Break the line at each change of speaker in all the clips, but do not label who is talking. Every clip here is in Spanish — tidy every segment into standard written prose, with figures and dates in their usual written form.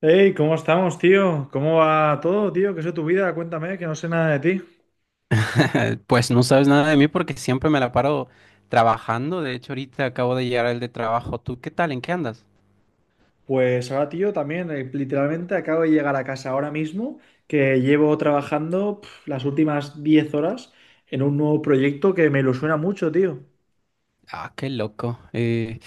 Hey, ¿cómo estamos, tío? ¿Cómo va todo, tío? ¿Qué es de tu vida? Cuéntame, que no sé nada de ti.
Pues no sabes nada de mí porque siempre me la paro trabajando. De hecho, ahorita acabo de llegar al de trabajo. ¿Tú qué tal? ¿En qué andas?
Pues ahora, tío, también, literalmente acabo de llegar a casa ahora mismo, que llevo trabajando pf, las últimas 10 horas en un nuevo proyecto que me ilusiona mucho, tío.
Ah, qué loco. Eh,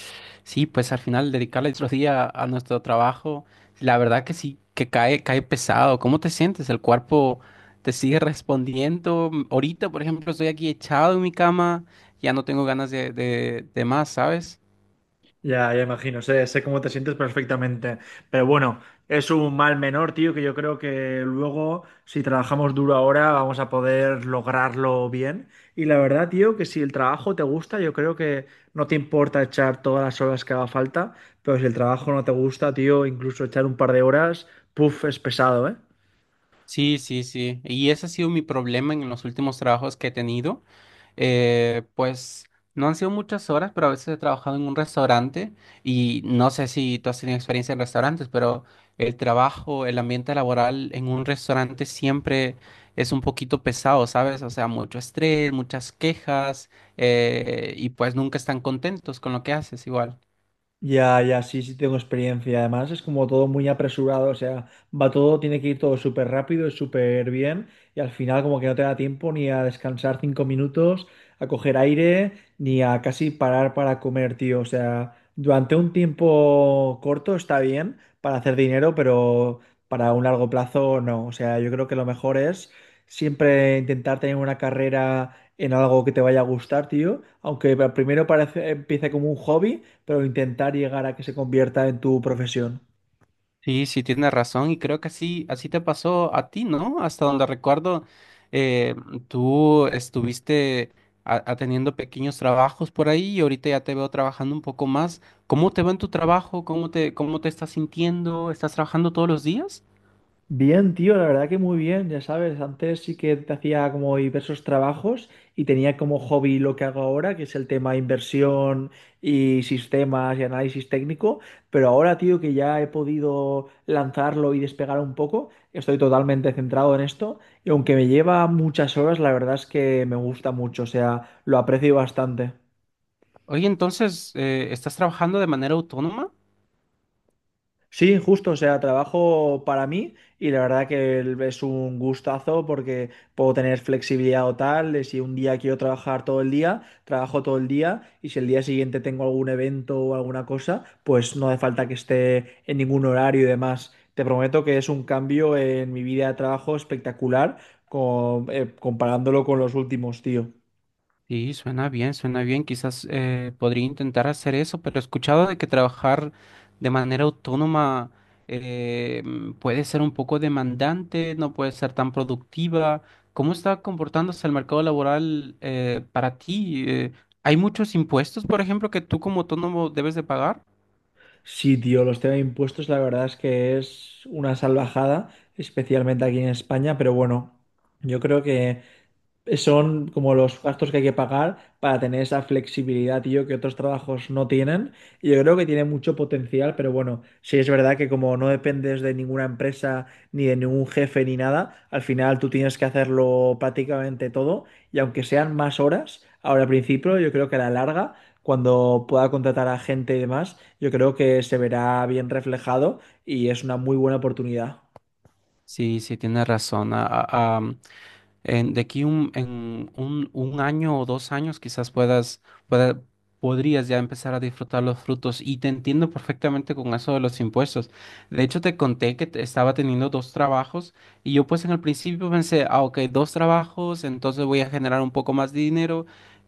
sí, pues al final dedicarle otro día a nuestro trabajo, la verdad que sí, que cae, cae pesado. ¿Cómo te sientes? ¿El cuerpo te sigue respondiendo? Ahorita, por ejemplo, estoy aquí echado en mi cama, ya no tengo ganas de más, ¿sabes?
Ya, ya imagino, sé cómo te sientes perfectamente. Pero bueno, es un mal menor, tío, que yo creo que luego, si trabajamos duro ahora, vamos a poder lograrlo bien. Y la verdad, tío, que si el trabajo te gusta, yo creo que no te importa echar todas las horas que haga falta, pero si el trabajo no te gusta, tío, incluso echar un par de horas, puff, es pesado, ¿eh?
Sí, sí, sí. Y ese ha sido mi problema en los últimos trabajos que he tenido. Pues no han sido muchas horas, pero a veces he trabajado en un restaurante y no sé si tú has tenido experiencia en restaurantes, pero el trabajo, el ambiente laboral en un restaurante siempre es un poquito pesado, ¿sabes? O sea, mucho estrés, muchas quejas, y pues nunca están contentos con lo que haces igual.
Ya, ya, sí, sí tengo experiencia. Además, es como todo muy apresurado, o sea, va todo, tiene que ir todo súper rápido y súper bien, y al final como que no te da tiempo ni a descansar 5 minutos, a coger aire, ni a casi parar para comer, tío. O sea, durante un tiempo corto está bien para hacer dinero, pero para un largo plazo no. O sea, yo creo que lo mejor es siempre intentar tener una carrera en algo que te vaya a gustar, tío, aunque empiece como un hobby, pero intentar llegar a que se convierta en tu profesión.
Sí, sí, tienes razón y creo que así, así te pasó a ti, ¿no? Hasta donde recuerdo, eh, tú estuviste atendiendo pequeños trabajos por ahí y ahorita ya te veo trabajando un poco más. ¿Cómo te va en tu trabajo? ¿Cómo te estás sintiendo? ¿Estás trabajando todos los días?
Bien, tío, la verdad que muy bien, ya sabes, antes sí que te hacía como diversos trabajos y tenía como hobby lo que hago ahora, que es el tema de inversión y sistemas y análisis técnico, pero ahora, tío, que ya he podido lanzarlo y despegar un poco, estoy totalmente centrado en esto y aunque me lleva muchas horas, la verdad es que me gusta mucho, o sea, lo aprecio bastante.
Oye, entonces, ¿estás trabajando de manera autónoma?
Sí, justo, o sea, trabajo para mí y la verdad que es un gustazo porque puedo tener flexibilidad o tal, de si un día quiero trabajar todo el día, trabajo todo el día y si el día siguiente tengo algún evento o alguna cosa, pues no hace falta que esté en ningún horario y demás. Te prometo que es un cambio en mi vida de trabajo espectacular comparándolo con los últimos, tío.
Sí, suena bien, suena bien. Quizás podría intentar hacer eso, pero he escuchado de que trabajar de manera autónoma, puede ser un poco demandante, no puede ser tan productiva. ¿Cómo está comportándose el mercado laboral para ti? ¿Hay muchos impuestos, por ejemplo, que tú como autónomo debes de pagar?
Sí, tío, los temas de impuestos, la verdad es que es una salvajada, especialmente aquí en España, pero bueno, yo creo que son como los gastos que hay que pagar para tener esa flexibilidad, tío, que otros trabajos no tienen. Y yo creo que tiene mucho potencial, pero bueno, sí es verdad que como no dependes de ninguna empresa, ni de ningún jefe, ni nada, al final tú tienes que hacerlo prácticamente todo. Y aunque sean más horas, ahora al principio, yo creo que a la larga, cuando pueda contratar a gente y demás, yo creo que se verá bien reflejado y es una muy buena oportunidad.
Sí, sí, tienes razón. De aquí un año o dos años quizás pueda- podrías ya empezar a disfrutar los frutos y te entiendo perfectamente con eso de los impuestos. De hecho, te conté que estaba teniendo dos trabajos y yo pues en el principio pensé, ah, ok, dos trabajos, entonces voy a generar un poco más de dinero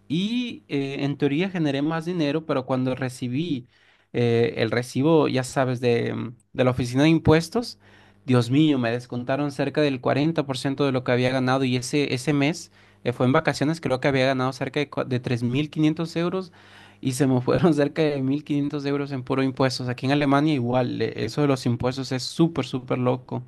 y en teoría generé más dinero, pero cuando recibí el recibo, ya sabes, de la oficina de impuestos, Dios mío, me descontaron cerca del 40% de lo que había ganado y ese mes fue en vacaciones, creo que había ganado cerca de 3.500 euros y se me fueron cerca de 1.500 euros en puro impuestos. Aquí en Alemania igual, eso de los impuestos es súper, súper loco.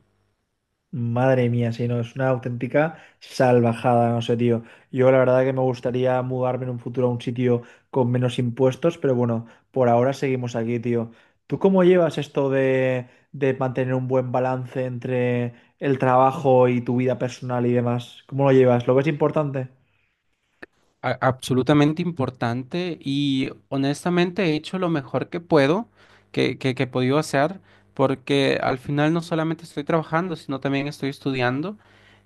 Madre mía, sí, no, es una auténtica salvajada, no sé, tío. Yo la verdad que me gustaría mudarme en un futuro a un sitio con menos impuestos, pero bueno, por ahora seguimos aquí, tío. ¿Tú cómo llevas esto de mantener un buen balance entre el trabajo y tu vida personal y demás? ¿Cómo lo llevas? ¿Lo ves importante?
Absolutamente importante y honestamente he hecho lo mejor que puedo, que he podido hacer, porque al final no solamente estoy trabajando, sino también estoy estudiando.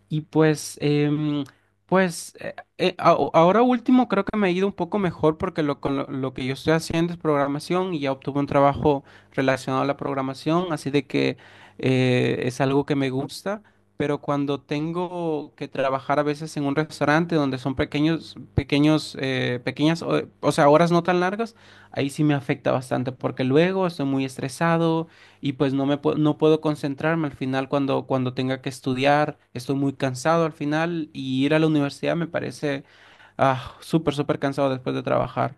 Y pues ahora último creo que me ha ido un poco mejor porque lo que yo estoy haciendo es programación y ya obtuve un trabajo relacionado a la programación, así de que es algo que me gusta. Pero cuando tengo que trabajar a veces en un restaurante donde son pequeñas, o sea, horas no tan largas, ahí sí me afecta bastante porque luego estoy muy estresado y pues no puedo concentrarme al final cuando tenga que estudiar, estoy muy cansado al final y ir a la universidad me parece súper, súper cansado después de trabajar.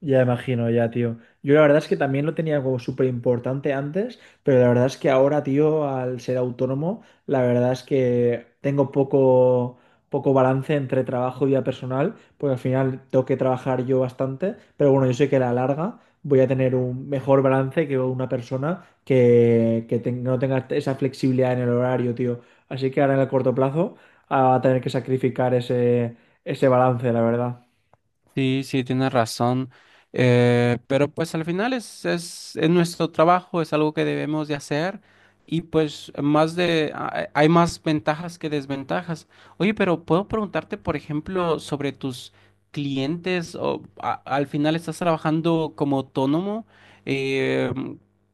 Ya imagino, ya, tío. Yo la verdad es que también lo tenía como súper importante antes, pero la verdad es que ahora, tío, al ser autónomo, la verdad es que tengo poco balance entre trabajo y vida personal, porque al final tengo que trabajar yo bastante, pero bueno, yo sé que a la larga voy a tener un mejor balance que una persona que no tenga esa flexibilidad en el horario, tío. Así que ahora en el corto plazo, ah, va a tener que sacrificar ese balance, la verdad.
Sí, sí, tienes razón. Pero pues al final es nuestro trabajo, es algo que debemos de hacer y pues más hay más ventajas que desventajas. Oye, pero puedo preguntarte, por ejemplo, sobre tus clientes o al final estás trabajando como autónomo eh,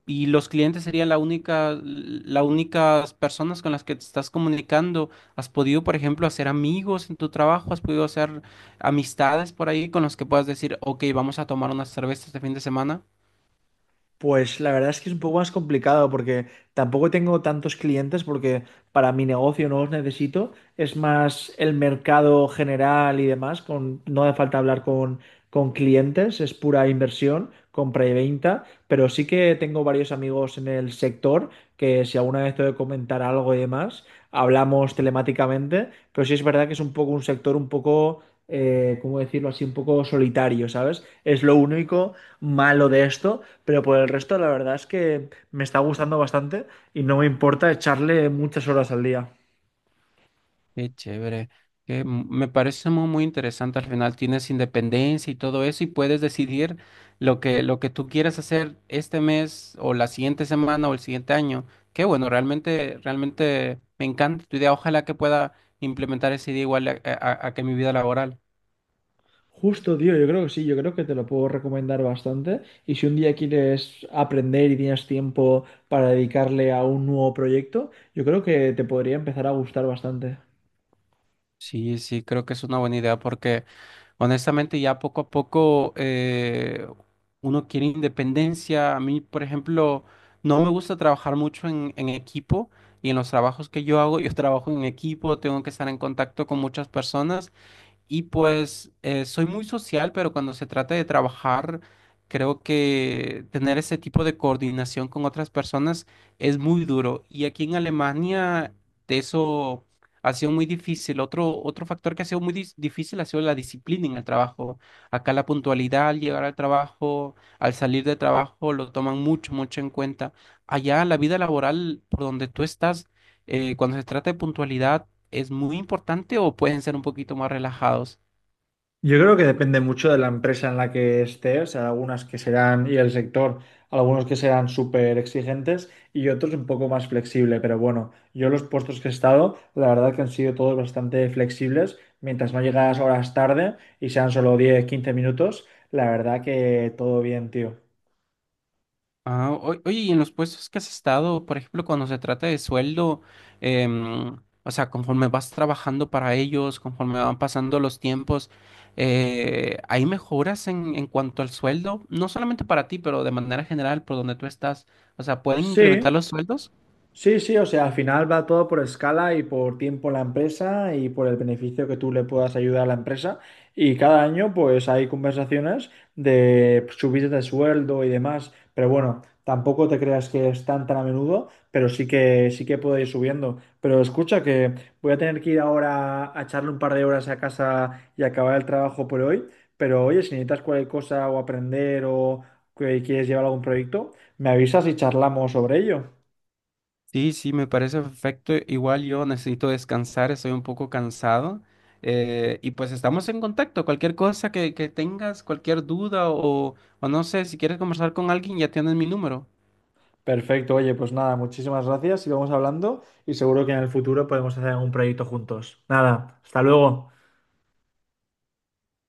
y los clientes serían la única, las únicas personas con las que te estás comunicando. ¿Has podido, por ejemplo, hacer amigos en tu trabajo? ¿Has podido hacer amistades por ahí con los que puedas decir, ok, vamos a tomar unas cervezas este fin de semana?
Pues la verdad es que es un poco más complicado porque tampoco tengo tantos clientes porque para mi negocio no los necesito. Es más el mercado general y demás, con, no hace falta hablar con clientes, es pura inversión, compra y venta, pero sí que tengo varios amigos en el sector que si alguna vez tengo que comentar algo y demás, hablamos telemáticamente, pero sí es verdad que es un poco un sector un ¿cómo decirlo así? Un poco solitario, ¿sabes? Es lo único malo de esto, pero por el resto la verdad es que me está gustando bastante y no me importa echarle muchas horas al día.
Qué chévere. Que me parece muy, muy interesante. Al final tienes independencia y todo eso y puedes decidir lo que tú quieras hacer este mes o la siguiente semana o el siguiente año. Qué bueno, realmente, realmente me encanta tu idea. Ojalá que pueda implementar esa idea igual a que mi vida laboral.
Justo, tío, yo creo que sí, yo creo que te lo puedo recomendar bastante. Y si un día quieres aprender y tienes tiempo para dedicarle a un nuevo proyecto, yo creo que te podría empezar a gustar bastante.
Sí, sí, creo que es una buena idea porque honestamente ya poco a poco uno quiere independencia. A mí, por ejemplo, no me gusta trabajar mucho en equipo y en los trabajos que yo hago, yo trabajo en equipo, tengo que estar en contacto con muchas personas y pues soy muy social, pero cuando se trata de trabajar, creo que tener ese tipo de coordinación con otras personas es muy duro. Y aquí en Alemania de eso ha sido muy difícil. Otro factor que ha sido muy difícil ha sido la disciplina en el trabajo. Acá la puntualidad al llegar al trabajo, al salir de trabajo, lo toman mucho, mucho en cuenta. Allá la vida laboral por donde tú estás, cuando se trata de puntualidad, ¿es muy importante o pueden ser un poquito más relajados?
Yo creo que depende mucho de la empresa en la que estés, o sea, y el sector, algunos que serán súper exigentes y otros un poco más flexible, pero bueno, yo los puestos que he estado, la verdad que han sido todos bastante flexibles, mientras no llegas horas tarde y sean solo 10, 15 minutos, la verdad que todo bien, tío.
Ah, oye, y en los puestos que has estado, por ejemplo, cuando se trata de sueldo, em, o sea, conforme vas trabajando para ellos, conforme van pasando los tiempos, ¿hay mejoras en cuanto al sueldo? No solamente para ti, pero de manera general, por donde tú estás. O sea, ¿pueden incrementar
Sí,
los sueldos?
sí, o sea, al final va todo por escala y por tiempo en la empresa y por el beneficio que tú le puedas ayudar a la empresa. Y cada año, pues hay conversaciones de subidas de sueldo y demás. Pero bueno, tampoco te creas que es tan tan a menudo, pero sí que puede ir subiendo. Pero escucha que voy a tener que ir ahora a echarle un par de horas a casa y acabar el trabajo por hoy. Pero oye, si necesitas cualquier cosa o aprender o que quieres llevar algún proyecto, me avisas y charlamos sobre ello.
Sí, sí, me parece perfecto. Igual yo necesito descansar, estoy un poco cansado. Y pues estamos en contacto. Cualquier cosa que tengas, cualquier duda o no sé, si quieres conversar con alguien, ya tienes mi número.
Perfecto, oye, pues nada, muchísimas gracias y vamos hablando y seguro que en el futuro podemos hacer algún proyecto juntos. Nada, hasta luego.